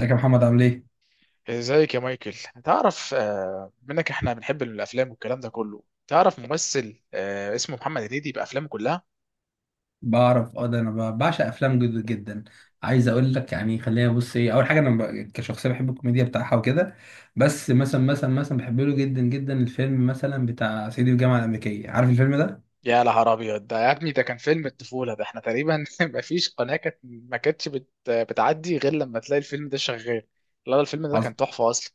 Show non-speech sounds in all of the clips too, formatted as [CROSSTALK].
ازيك يا محمد عامل ايه؟ ازيك يا مايكل. تعرف منك احنا بنحب الافلام والكلام ده كله. تعرف ممثل اسمه محمد هنيدي بافلامه كلها. بعرف ده انا بعشق افلام جدا جدا. عايز اقول لك يعني، خلينا بص، ايه اول حاجه؟ انا كشخصيه بحب الكوميديا بتاعها وكده. بس مثلا بحب له جدا جدا الفيلم مثلا بتاع صعيدي في الجامعه الامريكيه، عارف الفيلم ده؟ يا نهار ابيض، ده يا ابني ده كان فيلم الطفوله. ده احنا تقريبا [LAUGHS] ما فيش قناه كانت ما كانتش بتعدي غير لما تلاقي الفيلم ده شغال. لا لا، الفيلم ده كان تحفه اصلا.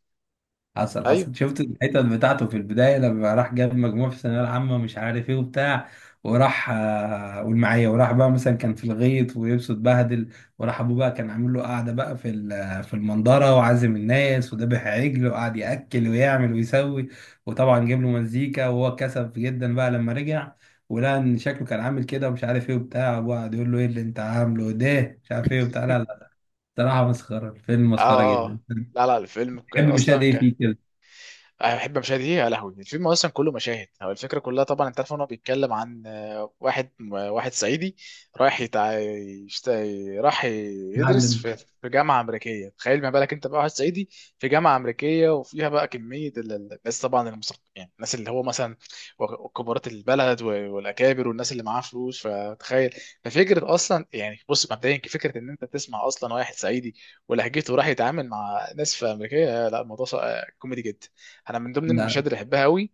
حصل ايوه. حصل شفت الحتت بتاعته في البداية لما راح جاب مجموع في الثانوية العامة مش عارف ايه وبتاع. وراح قول معايا، وراح بقى مثلا كان في الغيط ولبسه اتبهدل. وراح ابوه بقى كان عامل له قعدة بقى في في المنظرة، وعازم الناس وذبح عجل وقعد يأكل ويعمل ويسوي. وطبعا جاب له مزيكا، وهو كسف جدا بقى لما رجع، ولقى ان شكله كان عامل كده ومش عارف ايه وبتاع. ابوه قعد يقول له ايه اللي انت عامله ده، مش عارف ايه وبتاع. لا [LAUGHS] لا. صراحة مسخرة، الفيلم مسخرة اه، جدا. آه. لا لا، الفيلم تحب مشاهد اصلا. ايه فيه كده؟ احب مشاهد ايه؟ يا لهوي، الفيلم اصلا كله مشاهد. هو الفكره كلها، طبعا انت عارف ان هو بيتكلم عن واحد صعيدي. رايح راح يدرس علم. في جامعه امريكيه. تخيل ما بالك انت بقى واحد صعيدي في جامعه امريكيه، وفيها بقى كميه الناس، طبعا المثقفين، يعني الناس اللي هو مثلا كبارات البلد والاكابر والناس اللي معاها فلوس، فتخيل. ففكره اصلا، يعني بص مبدئيا، فكره ان انت تسمع اصلا واحد صعيدي ولهجته راح يتعامل مع ناس في امريكيه. لا، الموضوع كوميدي جدا. انا من ضمن لا المشاهد اللي بحبها قوي.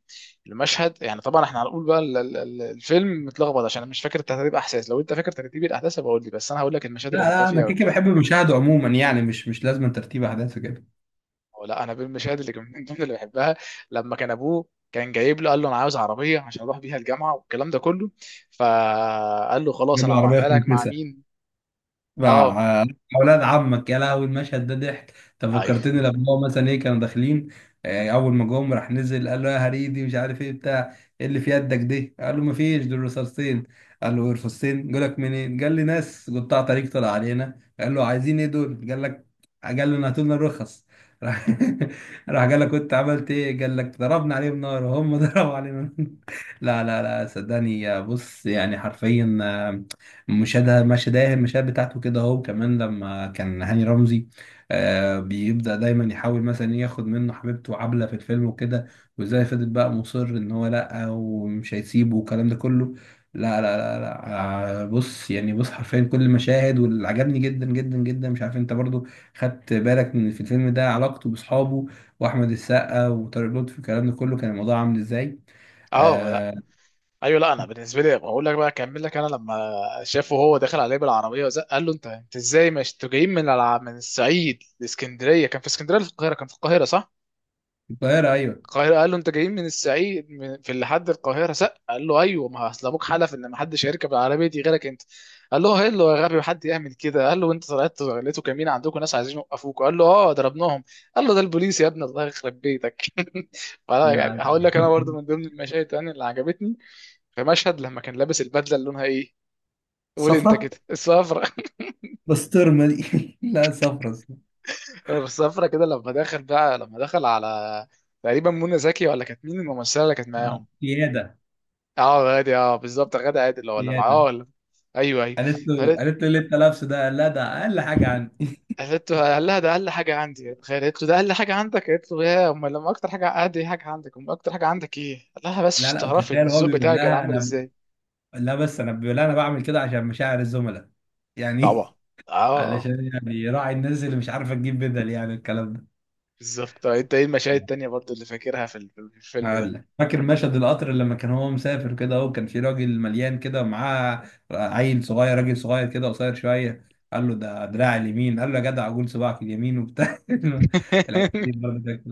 المشهد، يعني طبعا احنا هنقول بقى الفيلم متلخبط عشان انا مش فاكر ترتيب احداث. لو انت فاكر ترتيب الاحداث، هبقول لي. بس انا هقول لك المشاهد لا اللي بحبها لا، انا فيه قوي. كيكي بحب المشاهده عموما يعني، مش لازم ترتيب احداث وكده. او لا، انا بالمشاهد اللي من ضمن اللي بحبها. لما كان ابوه كان جايب له، قال له: انا عاوز عربيه عشان اروح بيها الجامعه والكلام ده كله. فقال له: خلاص، جاب انا العربيه هبعتها لك في... مع مين. مع اه. اولاد عمك، يا لهوي المشهد ده ضحك. انت ايوه. فكرتني لما هو مثلا ايه كانوا داخلين. اول ما جم راح نزل قال له يا هريدي مش عارف ايه بتاع، ايه اللي في يدك دي؟ قال له ما فيش، دول رصاصتين. قال له رصاصتين جالك منين؟ قال لي ناس قطاع طريق طلع علينا. قال له عايزين ايه دول؟ قال لك قال لنا هاتوا لنا الرخص. راح [LAUGHS] راح قال لك كنت عملت ايه؟ قال لك ضربنا عليهم نار، وهم [LAUGHS] ضربوا علينا نار. لا لا لا، صدقني يا بص يعني حرفيا، مشاهدة المشاهد بتاعته كده اهو. كمان لما كان هاني رمزي بيبدأ دايما يحاول مثلا ياخد منه حبيبته عبلة في الفيلم وكده، وازاي فضل بقى مصر ان هو لا ومش هيسيبه والكلام ده كله. لا لا لا لا، بص يعني، بص حرفيا كل المشاهد. واللي عجبني جدا جدا جدا، مش عارف انت برضو خدت بالك، من في الفيلم ده علاقته باصحابه واحمد السقا وطارق لطفي والكلام ده كله كان الموضوع عامل ازاي؟ اه. آه. ايوه. لا، انا بالنسبه لي بقول لك بقى اكمل لك. انا لما شافه هو داخل عليه بالعربيه وزق، قال له: انت ازاي؟ مش انتوا جايين من من الصعيد لاسكندريه؟ كان في اسكندريه ولا في القاهره؟ كان في القاهره، صح؟ القاهرة، ايوه. القاهره. قال له: انت جايين من الصعيد في لحد القاهره؟ زق. قال له: ايوه، ما اصل ابوك حلف ان ما حدش هيركب العربيه دي غيرك انت. قال له: هيلو يا غبي، حد يعمل كده؟ قال له: انت طلعت لقيتوا كمين عندكم ناس عايزين يوقفوك؟ قال له: اه، ضربناهم. قال له: ده البوليس يا ابني، الله يخرب بيتك. [LAUGHS] فلا يعني، لا لا. هقول لك انا برضو من ضمن المشاهد يعني اللي عجبتني. في مشهد لما كان لابس البدله اللي لونها ايه، [LAUGHS] قول انت صفرة. كده، الصفرة. بسطرمة دي. [LAUGHS] لا، صفرا صفرا. [LAUGHS] الصفرة كده لما دخل بقى، لما دخل على تقريبا منى زكي، ولا كانت مين الممثله اللي كانت معاهم؟ سياده. اه غادي، اه بالظبط، غادي عادل، ولا معاه سياده. ولا؟ ايوه، ايوه. قالت له فقالت قالت له ليه انت لابسه ده؟ قال لها ده اقل حاجه عندي. قالت له، قال لها: ده اقل حاجه عندي. تخيل، قالت له: ده اقل حاجه عندك؟ قالت له: يا امال لما اكتر حاجه عندي حاجه عندك، امال اكتر حاجه عندك ايه؟ قال لها: بس لا عشان لا، تعرفي ان وتخيل هو الذوق بيقول بتاعي كان لها عامل انا... ازاي. لا، بس انا بيقول لها انا بعمل كده عشان مشاعر الزملاء يعني. طبعا. [LAUGHS] اه، آه. علشان يعني يراعي الناس اللي مش عارفه تجيب بدل يعني الكلام ده. بالظبط. طب انت ايه المشاهد التانية برضو اللي فاكرها في الفيلم هقول ده؟ لك، فاكر مشهد القطر لما كان هو مسافر كده اهو؟ كان في راجل مليان كده، ومعاه عيل صغير، راجل صغير كده قصير شويه، قال له ده دراع اليمين. قال له يا جدع عجول، صباعك اليمين وبتاع. [LAUGHS] الحته دي [LAUGHS] برضه كانت...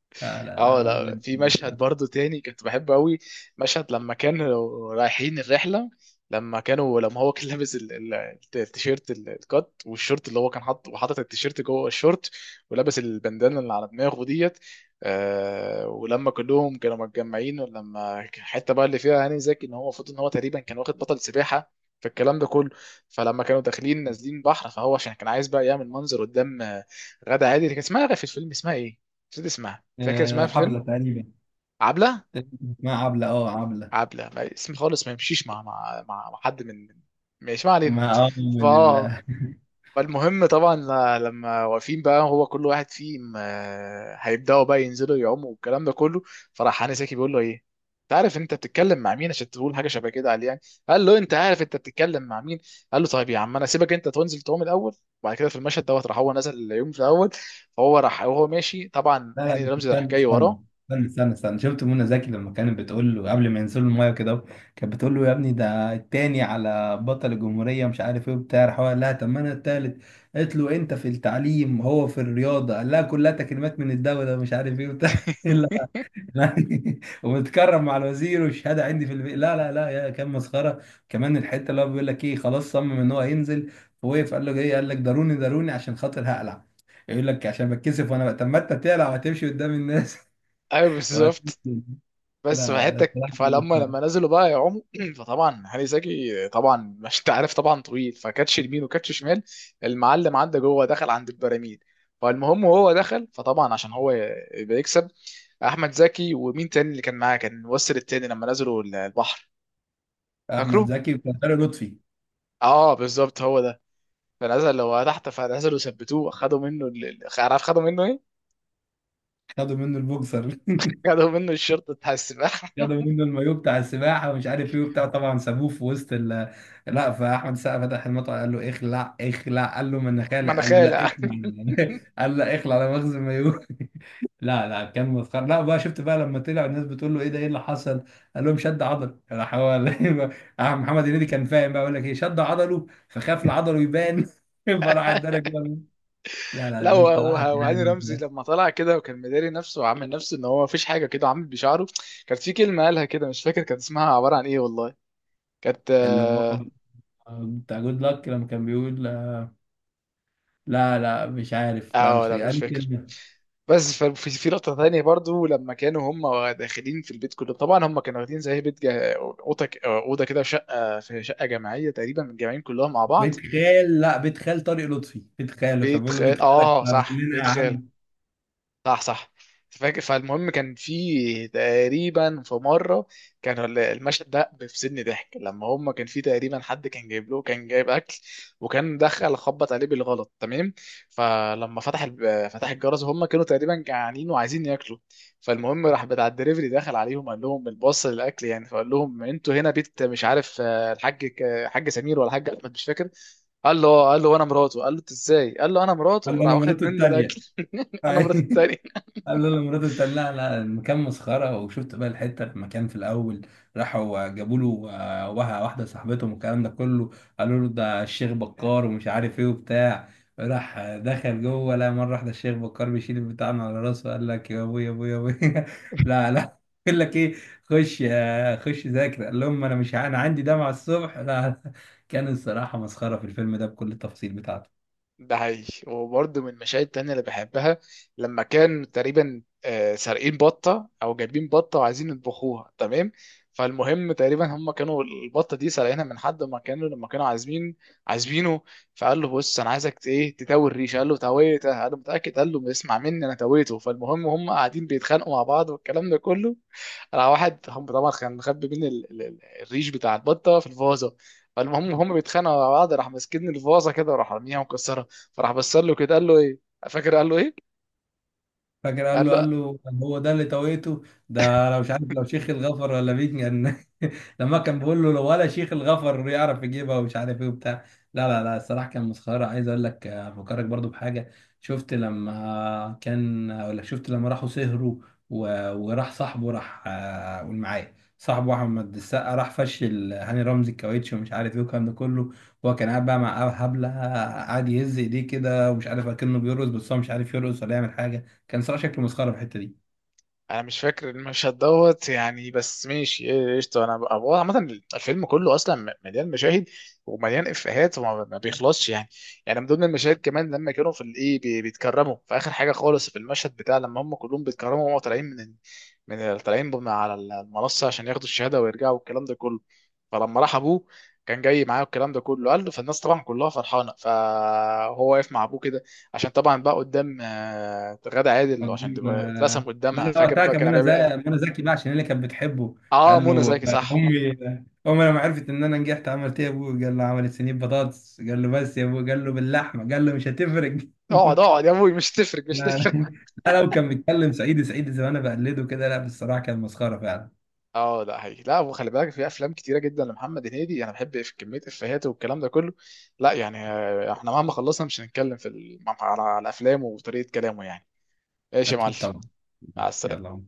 لا لا لا اه لا لا، بجد في مشهد لا. برضو تاني كنت بحبه قوي. مشهد لما كانوا رايحين الرحله، لما هو كان لابس التيشيرت الكات والشورت اللي هو كان حاطه، وحاطط التيشيرت جوه الشورت، ولابس البندانه اللي على دماغه ديت. ولما كلهم كانوا متجمعين، ولما كان الحته بقى اللي فيها هاني زكي ان هو المفروض ان هو تقريبا كان واخد بطل سباحه في الكلام ده كله. فلما كانوا داخلين نازلين بحر، فهو عشان كان عايز بقى يعمل منظر قدام غادة عادل، كان اسمها في الفيلم اسمها ايه؟ نسيت اسمها. فاكر اسمها في عبلة الفيلم؟ تقريبا. عبله. اسمها عبلة، اه، عبلة. عبله، اسم خالص ما يمشيش مع حد من. ماشي، ما علينا. ما ف من ال... [LAUGHS] فالمهم، طبعا لما واقفين بقى، هو كل واحد فيهم هيبداوا بقى ينزلوا يعوموا والكلام ده كله. فراح هاني ساكي بيقول له: ايه، انت عارف انت بتتكلم مع مين عشان تقول حاجه شبه كده عليه يعني؟ قال له: انت عارف انت بتتكلم مع مين؟ قال له: طيب يا عم، انا سيبك انت تنزل تعوم الاول. وبعد كده في المشهد دوت، راح هو نزل اليوم في الاول. فهو راح وهو ماشي، طبعا لا لا، هاني بس رمزي راح استنى جاي استنى وراه. استنى استنى استنى، شفت منى زكي لما كانت بتقول له قبل ما ينزلوا المايه كده؟ كانت بتقول له يا ابني ده التاني على بطل الجمهورية مش عارف ايه وبتاع. راح هو قال لها طب ما انا التالت. قالت له انت في التعليم، هو في الرياضة. قال لها كلها تكريمات من الدولة مش عارف ايه وبتاع. [LAUGHS] [LAUGHS] وبتكرم مع الوزير والشهاده عندي في البيت. لا لا لا، يا كان مسخره. كمان الحته اللي هو بيقول لك ايه، خلاص صمم ان هو هينزل، ووقف قال له ايه؟ قال لك ضروني ضروني عشان خاطر هقلع. يقول لك عشان بتكسف، وانا طب ما انت تقلع وهتمشي قدام الناس. ايوه، [LAUGHS] بالظبط. وهتمشي. لا بس لا في لا، حياتك، الصراحة كان مسخرة. لما نزلوا بقى يعوموا [CLEARS THROAT] فطبعا هاني زكي طبعا [LAUGHS] مش انت عارف طبعا طويل، فكاتش يمين وكاتش شمال. المعلم عدى جوه، دخل عند البراميل. فالمهم وهو دخل، فطبعا عشان هو يبقى يكسب. احمد زكي ومين تاني اللي كان معاه، كان الممثل التاني لما نزلوا البحر؟ احمد فاكره؟ زكي، وكان طارق لطفي. اه بالظبط، هو ده. فنزل هو تحت، فنزلوا ثبتوه، خدوا منه عارف خدوا منه ايه؟ خدوا منه البوكسر. [LAUGHS] خدوا منه الشرطه بتاع السباحه. خدوا منه المايوه بتاع السباحه ومش عارف ايه وبتاع، طبعا سابوه في وسط ال... لا، فاحمد السقا فتح المطعم قال له اخلع اخلع. قال له ما انا [LAUGHS] خالق. قال له لا مناخيره. اخلع. [LAUGHS] قال له لا اخلع، انا مخزن مايوه. [LAUGHS] لا لا كان مسخره. لا بقى، شفت بقى لما طلع الناس بتقول له ايه ده، ايه اللي حصل؟ قال لهم شد عضل. راح هو [LAUGHS] راح محمد هنيدي كان فاهم بقى يقول لك ايه، شد عضله فخاف لعضله يبان. [LAUGHS] فراح [LAUGHS] اتدرج بقى. لا لا لا، لا، الصراحه وهاني رمزي كان... لما طلع كده وكان مداري نفسه وعامل نفسه ان هو مفيش حاجه كده وعامل بشعره. كانت في كلمه قالها كده، مش فاكر كانت اسمها عباره عن ايه والله. كانت، اللي هو اه. بتاع جود لك لما كان بيقول، لا لا مش عارف، لا مش لا فاكر مش قال فاكر. كلمة. بس في لقطه ثانيه برضو، لما كانوا هم داخلين في البيت كله طبعا، هم كانوا واخدين زي بيت اوضه اوضه كده في شقه جماعيه، تقريبا متجمعين كلهم مع بعض. بيت خال، لا، بيت خال طارق لطفي، بيت خال كان بيت بيقول له بيت خال، خالك اه هتنزل صح، لنا بيت يا خال، عم. صح صح. فاكر. فالمهم كان في تقريبا في مره، كان المشهد ده بيفصلني ضحك. لما هم كان في تقريبا حد كان جايب اكل، وكان دخل خبط عليه بالغلط، تمام. فلما فتح الجرس، هم كانوا تقريبا جعانين وعايزين ياكلوا. فالمهم راح بتاع الدليفري دخل عليهم، قال لهم: الباص للاكل يعني. فقال لهم: انتوا هنا بيت مش عارف الحاج حاج سمير ولا حاج احمد، مش فاكر. قال له وانا مراته. قال له: انت ازاي؟ قال له: انا قال مراته. له راح انا واخد مراته منه التانية. الاكل. [LAUGHS] انا مرات [LAUGHS] التاني. قال له لمراته بتاع، لا لا المكان مسخره. وشفت بقى الحته لما كان في الاول، راحوا جابوا له واحده صاحبتهم والكلام ده كله، قالوا له ده الشيخ بكار ومش عارف ايه وبتاع. راح دخل جوه، لا مره واحده الشيخ بكار بيشيل البتاع من على راسه قال لك يا ابويا يا ابويا يا ابويا. [LAUGHS] لا لا. يقول لك ايه، خش خش ذاكر. قال لهم انا مش ع- انا عندي دمعه الصبح. لا لا. كان الصراحه مسخره في الفيلم ده بكل التفاصيل بتاعته. ده حقيقي. وبرضه من المشاهد التانية اللي بحبها، لما كان تقريبا سارقين بطة أو جايبين بطة وعايزين يطبخوها، تمام. فالمهم تقريبا هم كانوا البطة دي سارقينها من حد ما كانوا، لما كانوا عازمين عازمينه. فقال له: بص أنا عايزك ت- إيه تتوي الريش. قال له: تويتها. قال له: متأكد؟ قال له: اسمع مني أنا تويته. فالمهم هم قاعدين بيتخانقوا مع بعض والكلام ده كله. راح واحد، هم طبعا كان مخبي بين الريش بتاع البطة في الفازة. فالمهم هم بيتخانقوا مع بعض، راح ماسكين الفازة كده، وراح راميها ومكسرها. فراح بص له كده، قال له ايه؟ فاكر قال له ايه؟ فاكر قال قال له له. هو ده اللي توقيته؟ ده لو مش عارف، لو شيخ الغفر ولا مين كان. [LAUGHS] لما كان بيقول له لو ولا شيخ الغفر يعرف يجيبها، ومش عارف ايه وبتاع. لا لا لا، الصراحه كان مسخره. عايز اقول لك افكرك برضو بحاجه، شفت لما كان اقول لك شفت لما راحوا سهروا، وراح صاحبه راح قول معايا، صاحبه احمد السقا راح فشل هاني رمزي الكاوتش ومش عارف ايه والكلام ده كله. هو كان قاعد بقى مع هبله، قاعد يهز ايديه كده ومش عارف اكنه بيرقص، بس هو مش عارف يرقص ولا يعمل حاجه. كان صراحه شكله مسخره في الحته دي. انا مش فاكر المشهد دوت يعني، بس ماشي. إيه، قشطه. انا هو عامه الفيلم كله اصلا مليان مشاهد، ومليان افيهات وما ما بيخلصش يعني. يعني من ضمن المشاهد كمان، لما كانوا في الايه بيتكرموا في اخر حاجه خالص، في المشهد بتاع لما هم كلهم بيتكرموا وهم طالعين من طالعين على المنصه عشان ياخدوا الشهاده ويرجعوا والكلام ده كله. فلما راح ابوه كان جاي معاه والكلام ده كله، قال له. فالناس طبعا كلها فرحانه، فهو واقف مع ابوه كده، عشان طبعا بقى قدام غادة عادل عشان قدام تبقى اترسم لا قدامها. لا فاكر وقتها بقى كان كان منى عامل ايه؟ قال لي. زكي، منى زكي بقى عشان هي اللي كانت بتحبه. اه، قال له منى زكي، صح. امي، امي لما عرفت ان انا نجحت عملت ايه يا ابوي؟ قال له عملت صينيه بطاطس. قال له بس يا ابوي. قال له باللحمه. قال له مش هتفرق. [LAUGHS] اقعد اقعد يا ابوي، مش هتفرق، مش لا لا هتفرق. [LAUGHS] لا، لو كان بيتكلم سعيد سعيد زي ما انا بقلده كده، لا بصراحه كان مسخره فعلا. اه لا هي، لا. وخلي بالك، في افلام كتيره جدا لمحمد هنيدي، انا بحب في كميه افيهات والكلام ده كله. لا يعني، احنا مهما خلصنا مش هنتكلم على افلامه وطريقه كلامه يعني. ايش يا معلم. اكيد طبعا. مع السلامه. يلا.